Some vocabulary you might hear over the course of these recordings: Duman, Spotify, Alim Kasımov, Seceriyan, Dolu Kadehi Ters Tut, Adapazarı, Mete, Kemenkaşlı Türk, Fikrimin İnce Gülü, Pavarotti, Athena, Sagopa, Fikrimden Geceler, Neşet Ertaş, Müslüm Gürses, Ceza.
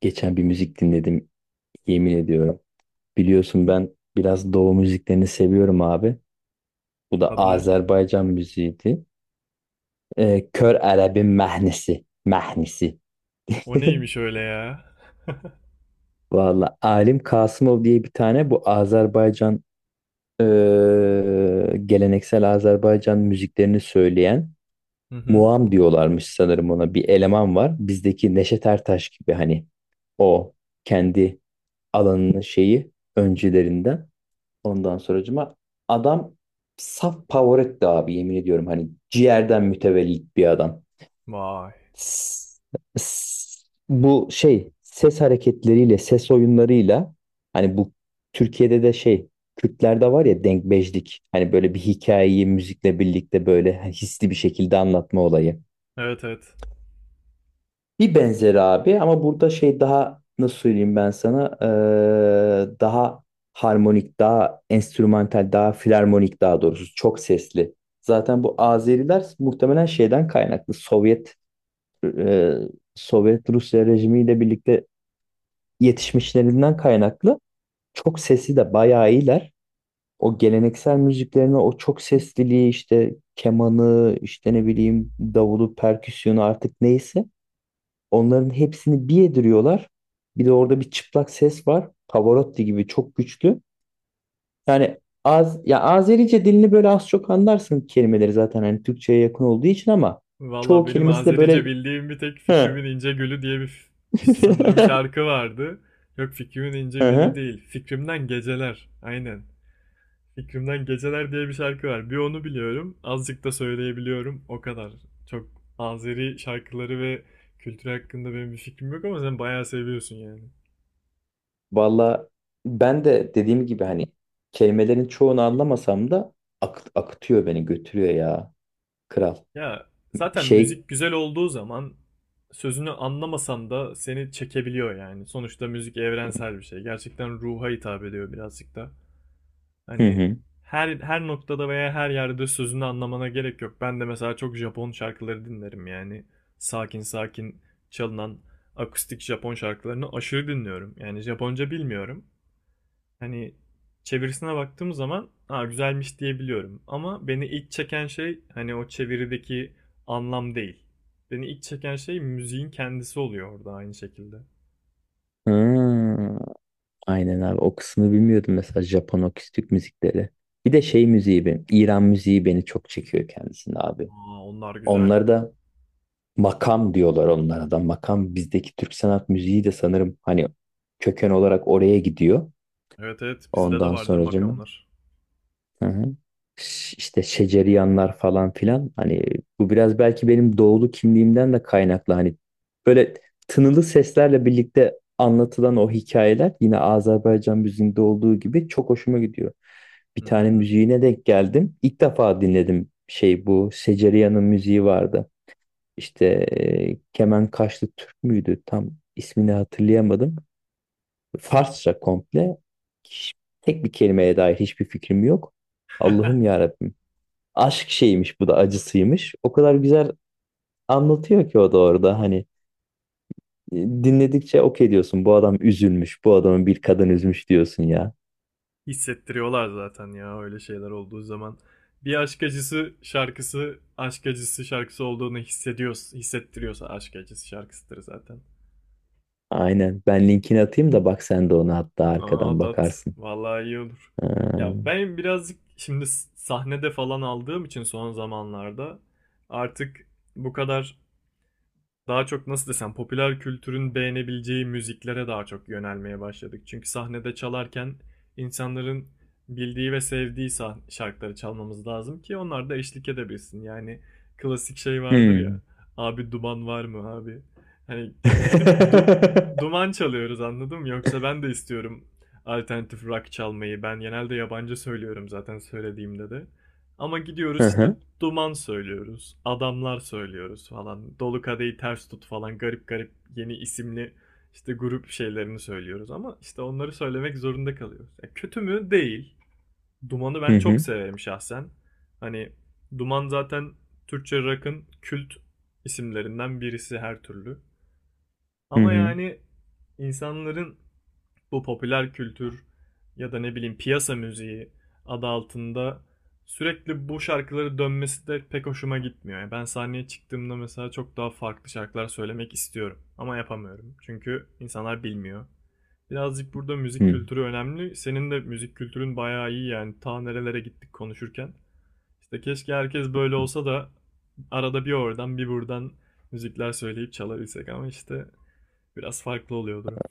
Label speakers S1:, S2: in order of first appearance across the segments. S1: Geçen bir müzik dinledim, yemin ediyorum. Biliyorsun ben biraz Doğu müziklerini seviyorum abi. Bu da
S2: Adı ne?
S1: Azerbaycan müziğiydi. Kör Arab'ın mehnesi. Mehnesi.
S2: O neymiş öyle ya?
S1: Valla Alim Kasımov diye bir tane bu Azerbaycan geleneksel Azerbaycan müziklerini söyleyen
S2: Hı hı.
S1: Muam diyorlarmış sanırım ona bir eleman var. Bizdeki Neşet Ertaş gibi hani o kendi alanının şeyi öncülerinden. Ondan sonracıma adam saf Pavarotti abi, yemin ediyorum, hani ciğerden mütevellit bir adam.
S2: Vay.
S1: S- s- Bu şey ses hareketleriyle, ses oyunlarıyla, hani bu Türkiye'de de şey, Kürtlerde var ya denkbejlik, hani böyle bir hikayeyi müzikle birlikte böyle hisli bir şekilde anlatma olayı.
S2: Evet evet.
S1: Bir benzeri abi, ama burada şey, daha nasıl söyleyeyim ben sana, daha harmonik, daha enstrümantal, daha filarmonik, daha doğrusu çok sesli. Zaten bu Azeriler muhtemelen şeyden kaynaklı, Sovyet eee, Sovyet Rusya rejimiyle birlikte yetişmişlerinden kaynaklı, çok sesi de bayağı iyiler. O geleneksel müziklerine o çok sesliliği, işte kemanı, işte ne bileyim davulu, perküsyonu, artık neyse onların hepsini bir yediriyorlar. Bir de orada bir çıplak ses var. Pavarotti gibi çok güçlü. Yani az ya, Azerice dilini böyle az çok anlarsın, kelimeleri zaten hani Türkçeye yakın olduğu için, ama çoğu
S2: Valla benim
S1: kelimesi de
S2: Azerice
S1: böyle.
S2: bildiğim bir tek Fikrimin
S1: Hı.
S2: İnce Gülü diye bir sanırım şarkı vardı. Yok, Fikrimin İnce
S1: Hı
S2: Gülü
S1: hı.
S2: değil. Fikrimden Geceler. Aynen. Fikrimden Geceler diye bir şarkı var. Bir onu biliyorum. Azıcık da söyleyebiliyorum. O kadar. Çok Azeri şarkıları ve kültürü hakkında benim bir fikrim yok ama sen bayağı seviyorsun yani.
S1: Valla ben de dediğim gibi hani kelimelerin çoğunu anlamasam da akıtıyor, beni götürüyor ya, kral.
S2: Ya zaten
S1: Şey,
S2: müzik güzel olduğu zaman sözünü anlamasan da seni çekebiliyor yani. Sonuçta müzik evrensel bir şey. Gerçekten ruha hitap ediyor birazcık da.
S1: hı
S2: Hani
S1: hı.
S2: her noktada veya her yerde sözünü anlamana gerek yok. Ben de mesela çok Japon şarkıları dinlerim yani. Sakin sakin çalınan akustik Japon şarkılarını aşırı dinliyorum. Yani Japonca bilmiyorum. Hani çevirisine baktığım zaman ha güzelmiş diyebiliyorum. Ama beni ilk çeken şey hani o çevirideki anlam değil. Beni ilk çeken şey müziğin kendisi oluyor orada aynı şekilde.
S1: Hı. Aynen abi, o kısmını bilmiyordum mesela, Japon akustik müzikleri. Bir de şey müziği benim, İran müziği beni çok çekiyor kendisini abi.
S2: Aa, onlar güzel.
S1: Onları da makam diyorlar, onlara da makam. Bizdeki Türk sanat müziği de sanırım hani köken olarak oraya gidiyor.
S2: Evet evet, bizde de
S1: Ondan
S2: vardır
S1: sonracığım.
S2: makamlar.
S1: Hı hı. İşte şeceriyanlar falan filan, hani bu biraz belki benim doğulu kimliğimden de kaynaklı, hani böyle tınılı seslerle birlikte anlatılan o hikayeler, yine Azerbaycan müziğinde olduğu gibi, çok hoşuma gidiyor. Bir tane
S2: Hmm.
S1: müziğine denk geldim. İlk defa dinledim şey, bu Seceriyan'ın müziği vardı. İşte Kemenkaşlı Türk müydü? Tam ismini hatırlayamadım. Farsça komple. Hiç- Tek bir kelimeye dair hiçbir fikrim yok. Allah'ım ya Rabbim. Aşk şeymiş, bu da acısıymış. O kadar güzel anlatıyor ki o da orada hani, dinledikçe okey diyorsun. Bu adam üzülmüş. Bu adamı bir kadın üzmüş diyorsun ya.
S2: Hissettiriyorlar zaten ya öyle şeyler olduğu zaman. Bir aşk acısı şarkısı, aşk acısı şarkısı olduğunu hissediyoruz. Hissettiriyorsa aşk acısı şarkısıdır zaten.
S1: Aynen. Ben linkini atayım da bak, sen de ona hatta
S2: Aa,
S1: arkadan
S2: at at.
S1: bakarsın.
S2: Vallahi iyi olur. Ya
S1: Ha.
S2: ben birazcık şimdi sahnede falan aldığım için son zamanlarda artık bu kadar daha çok nasıl desem popüler kültürün beğenebileceği müziklere daha çok yönelmeye başladık. Çünkü sahnede çalarken insanların bildiği ve sevdiği şarkıları çalmamız lazım ki onlar da eşlik edebilsin. Yani klasik şey vardır
S1: Hmm.
S2: ya. Abi duman var mı abi? Hani gidip du- duman çalıyoruz, anladın mı? Yoksa ben de istiyorum alternatif rock çalmayı. Ben genelde yabancı söylüyorum zaten, söylediğimde de. Ama gidiyoruz
S1: Hı
S2: işte,
S1: hı.
S2: duman söylüyoruz. Adamlar söylüyoruz falan. Dolu kadehi ters tut falan. Garip garip yeni isimli işte grup şeylerini söylüyoruz. Ama işte onları söylemek zorunda kalıyoruz. Ya kötü mü? Değil. Duman'ı
S1: Hı
S2: ben çok
S1: hı.
S2: severim şahsen. Hani Duman zaten Türkçe rock'ın kült isimlerinden birisi her türlü.
S1: Hı
S2: Ama
S1: hı.
S2: yani insanların bu popüler kültür ya da ne bileyim piyasa müziği adı altında sürekli bu şarkıları dönmesi de pek hoşuma gitmiyor. Yani ben sahneye çıktığımda mesela çok daha farklı şarkılar söylemek istiyorum ama yapamıyorum. Çünkü insanlar bilmiyor. Birazcık burada
S1: Hı
S2: müzik
S1: hı.
S2: kültürü önemli. Senin de müzik kültürün bayağı iyi yani, ta nerelere gittik konuşurken. İşte keşke herkes böyle olsa da arada bir oradan bir buradan müzikler söyleyip çalabilsek ama işte biraz farklı oluyor durum.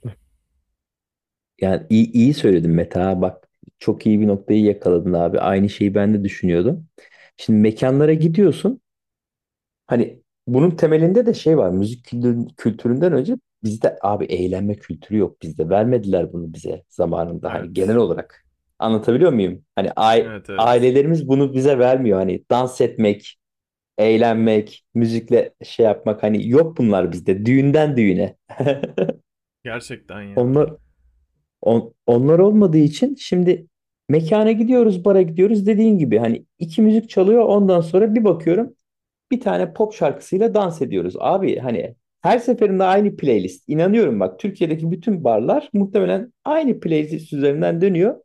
S1: Yani iyi, iyi söyledin Mete ha. Bak, çok iyi bir noktayı yakaladın abi. Aynı şeyi ben de düşünüyordum. Şimdi mekanlara gidiyorsun. Hani bunun temelinde de şey var. Kültüründen önce bizde abi, eğlenme kültürü yok bizde. Vermediler bunu bize zamanında. Hani genel
S2: Evet.
S1: olarak. Anlatabiliyor muyum? Hani
S2: Evet evet.
S1: ailelerimiz bunu bize vermiyor. Hani dans etmek, eğlenmek, müzikle şey yapmak. Hani yok bunlar bizde. Düğünden düğüne.
S2: Gerçekten ya.
S1: Onlar, Onlar olmadığı için şimdi mekana gidiyoruz, bara gidiyoruz, dediğin gibi hani, iki müzik çalıyor, ondan sonra bir bakıyorum bir tane pop şarkısıyla dans ediyoruz. Abi hani her seferinde aynı playlist. İnanıyorum bak, Türkiye'deki bütün barlar muhtemelen aynı playlist üzerinden dönüyor.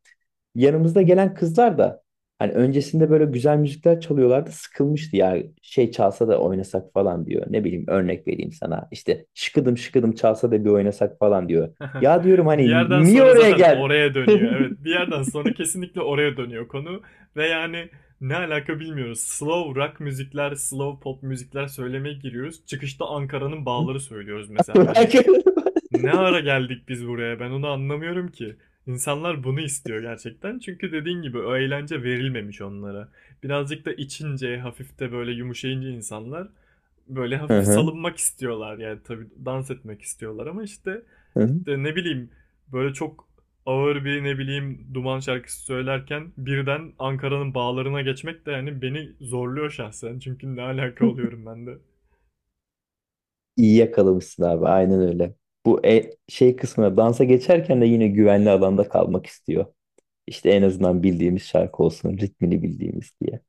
S1: Yanımızda gelen kızlar da hani öncesinde böyle güzel müzikler çalıyorlardı, sıkılmıştı ya, şey çalsa da oynasak falan diyor. Ne bileyim örnek vereyim sana. İşte şıkıdım şıkıdım çalsa da bir oynasak falan diyor. Ya diyorum
S2: Bir
S1: hani,
S2: yerden
S1: niye
S2: sonra
S1: oraya
S2: zaten
S1: gel?
S2: oraya dönüyor. Evet, bir yerden sonra kesinlikle oraya dönüyor konu ve yani ne alaka bilmiyoruz. Slow rock müzikler, slow pop müzikler söylemeye giriyoruz. Çıkışta Ankara'nın bağları söylüyoruz mesela. Yani ne ara geldik biz buraya? Ben onu anlamıyorum ki. İnsanlar bunu istiyor gerçekten. Çünkü dediğin gibi o eğlence verilmemiş onlara. Birazcık da içince, hafif de böyle yumuşayınca insanlar böyle
S1: Hı
S2: hafif
S1: hı,
S2: salınmak istiyorlar. Yani tabii dans etmek istiyorlar ama işte
S1: hı hı.
S2: işte ne bileyim böyle çok ağır bir ne bileyim Duman şarkısı söylerken birden Ankara'nın bağlarına geçmek de yani beni zorluyor şahsen. Çünkü ne alaka oluyorum ben de.
S1: İyi yakalamışsın abi, aynen öyle. Bu şey kısmına, dansa geçerken de yine güvenli alanda kalmak istiyor. İşte en azından bildiğimiz şarkı olsun, ritmini bildiğimiz diye.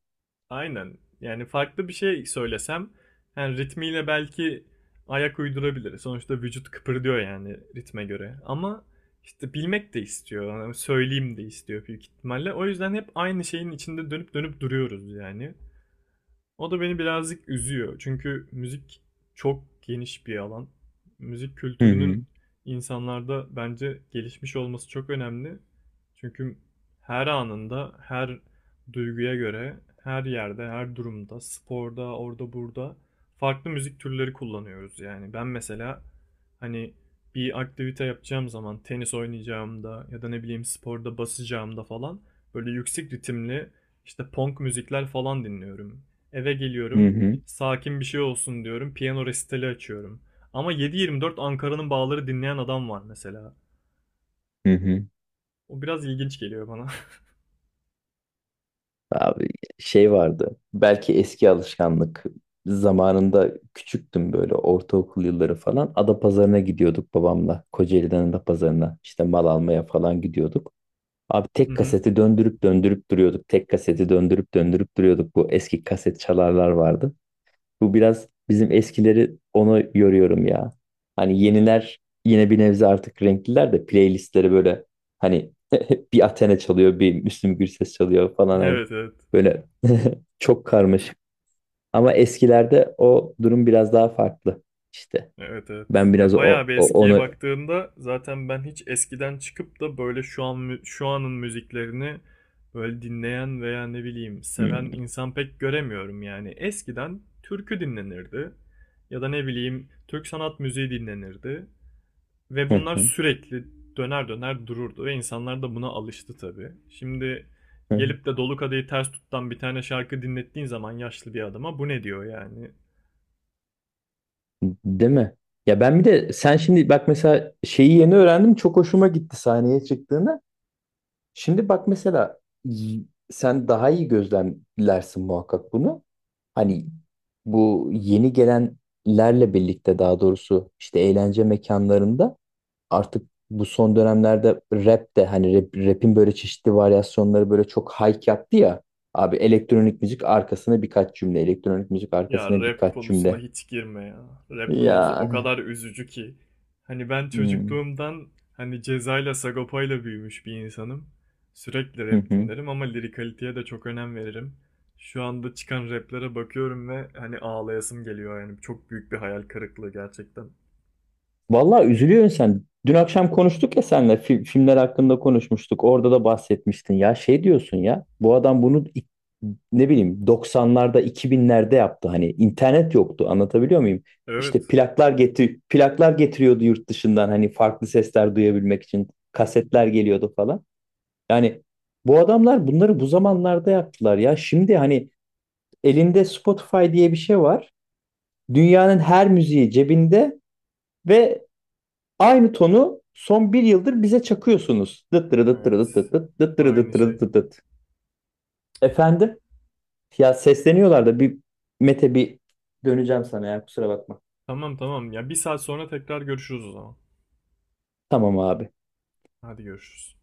S2: Aynen. Yani farklı bir şey söylesem yani ritmiyle belki ayak uydurabilir. Sonuçta vücut kıpırdıyor yani ritme göre. Ama işte bilmek de istiyor. Yani söyleyeyim de istiyor büyük ihtimalle. O yüzden hep aynı şeyin içinde dönüp dönüp duruyoruz yani. O da beni birazcık üzüyor. Çünkü müzik çok geniş bir alan. Müzik
S1: Hı hı,
S2: kültürünün insanlarda bence gelişmiş olması çok önemli. Çünkü her anında, her duyguya göre, her yerde, her durumda, sporda, orada, burada farklı müzik türleri kullanıyoruz. Yani ben mesela hani bir aktivite yapacağım zaman, tenis oynayacağımda ya da ne bileyim sporda basacağımda falan böyle yüksek ritimli işte punk müzikler falan dinliyorum. Eve
S1: hı
S2: geliyorum.
S1: hı,
S2: Sakin bir şey olsun diyorum. Piyano resitali açıyorum. Ama 7/24 Ankara'nın Bağları dinleyen adam var mesela.
S1: hı hı.
S2: O biraz ilginç geliyor bana.
S1: Abi şey vardı. Belki eski alışkanlık. Zamanında küçüktüm, böyle ortaokul yılları falan. Adapazarı'na gidiyorduk babamla. Kocaeli'den Adapazarı'na işte mal almaya falan gidiyorduk. Abi tek kaseti döndürüp döndürüp duruyorduk. Tek kaseti döndürüp döndürüp duruyorduk. Bu eski kaset çalarlar vardı. Bu biraz bizim eskileri onu yoruyorum ya. Hani yeniler yine bir nebze artık renkliler de playlistleri, böyle hani, bir Athena çalıyor, bir Müslüm Gürses çalıyor falan, hani
S2: Evet evet.
S1: böyle, çok karmaşık. Ama eskilerde o durum biraz daha farklı işte.
S2: Evet evet.
S1: Ben biraz
S2: Ya
S1: o,
S2: bayağı bir
S1: o-
S2: eskiye
S1: onu.
S2: baktığımda zaten ben hiç eskiden çıkıp da böyle şu an şu anın müziklerini böyle dinleyen veya ne bileyim seven
S1: Hmm.
S2: insan pek göremiyorum yani. Eskiden türkü dinlenirdi ya da ne bileyim Türk sanat müziği dinlenirdi. Ve bunlar sürekli döner döner dururdu ve insanlar da buna alıştı tabii. Şimdi gelip de Dolu Kadehi Ters Tut'tan bir tane şarkı dinlettiğin zaman yaşlı bir adama bu ne diyor yani?
S1: Değil mi? Ya ben bir de, sen şimdi bak mesela, şeyi yeni öğrendim, çok hoşuma gitti sahneye çıktığında. Şimdi bak mesela, y- sen daha iyi gözlemlersin muhakkak bunu. Hani bu yeni gelenlerle birlikte, daha doğrusu işte eğlence mekanlarında, artık bu son dönemlerde rap de, hani rap'in böyle çeşitli varyasyonları böyle çok hype yaptı ya. Abi elektronik müzik arkasına birkaç cümle, elektronik müzik
S2: Ya
S1: arkasına
S2: rap
S1: birkaç
S2: konusuna
S1: cümle.
S2: hiç girme ya. Rap konusu o
S1: Yani.
S2: kadar üzücü ki. Hani ben
S1: Hmm.
S2: çocukluğumdan hani Ceza'yla Sagopa'yla büyümüş bir insanım. Sürekli rap dinlerim ama lirikaliteye de çok önem veririm. Şu anda çıkan raplere bakıyorum ve hani ağlayasım geliyor yani. Çok büyük bir hayal kırıklığı gerçekten.
S1: Vallahi üzülüyorsun sen. Dün akşam konuştuk ya seninle, filmler hakkında konuşmuştuk. Orada da bahsetmiştin. Ya şey diyorsun ya, bu adam bunu ne bileyim 90'larda, 2000'lerde yaptı. Hani internet yoktu. Anlatabiliyor muyum?
S2: Evet.
S1: İşte plaklar getir, plaklar getiriyordu yurt dışından, hani farklı sesler duyabilmek için. Kasetler geliyordu falan. Yani bu adamlar bunları bu zamanlarda yaptılar ya. Şimdi hani elinde Spotify diye bir şey var. Dünyanın her müziği cebinde, ve aynı tonu son bir yıldır bize çakıyorsunuz. Dıt dırı dıt dırı
S2: Evet.
S1: dıt dıt dıt dıt dırı dıt
S2: Aynı şey.
S1: dırı dıt dıt. Efendim? Ya sesleniyorlar da, bir Mete, bir döneceğim sana ya, kusura bakma.
S2: Tamam tamam. Ya bir saat sonra tekrar görüşürüz o zaman.
S1: Tamam abi.
S2: Hadi görüşürüz.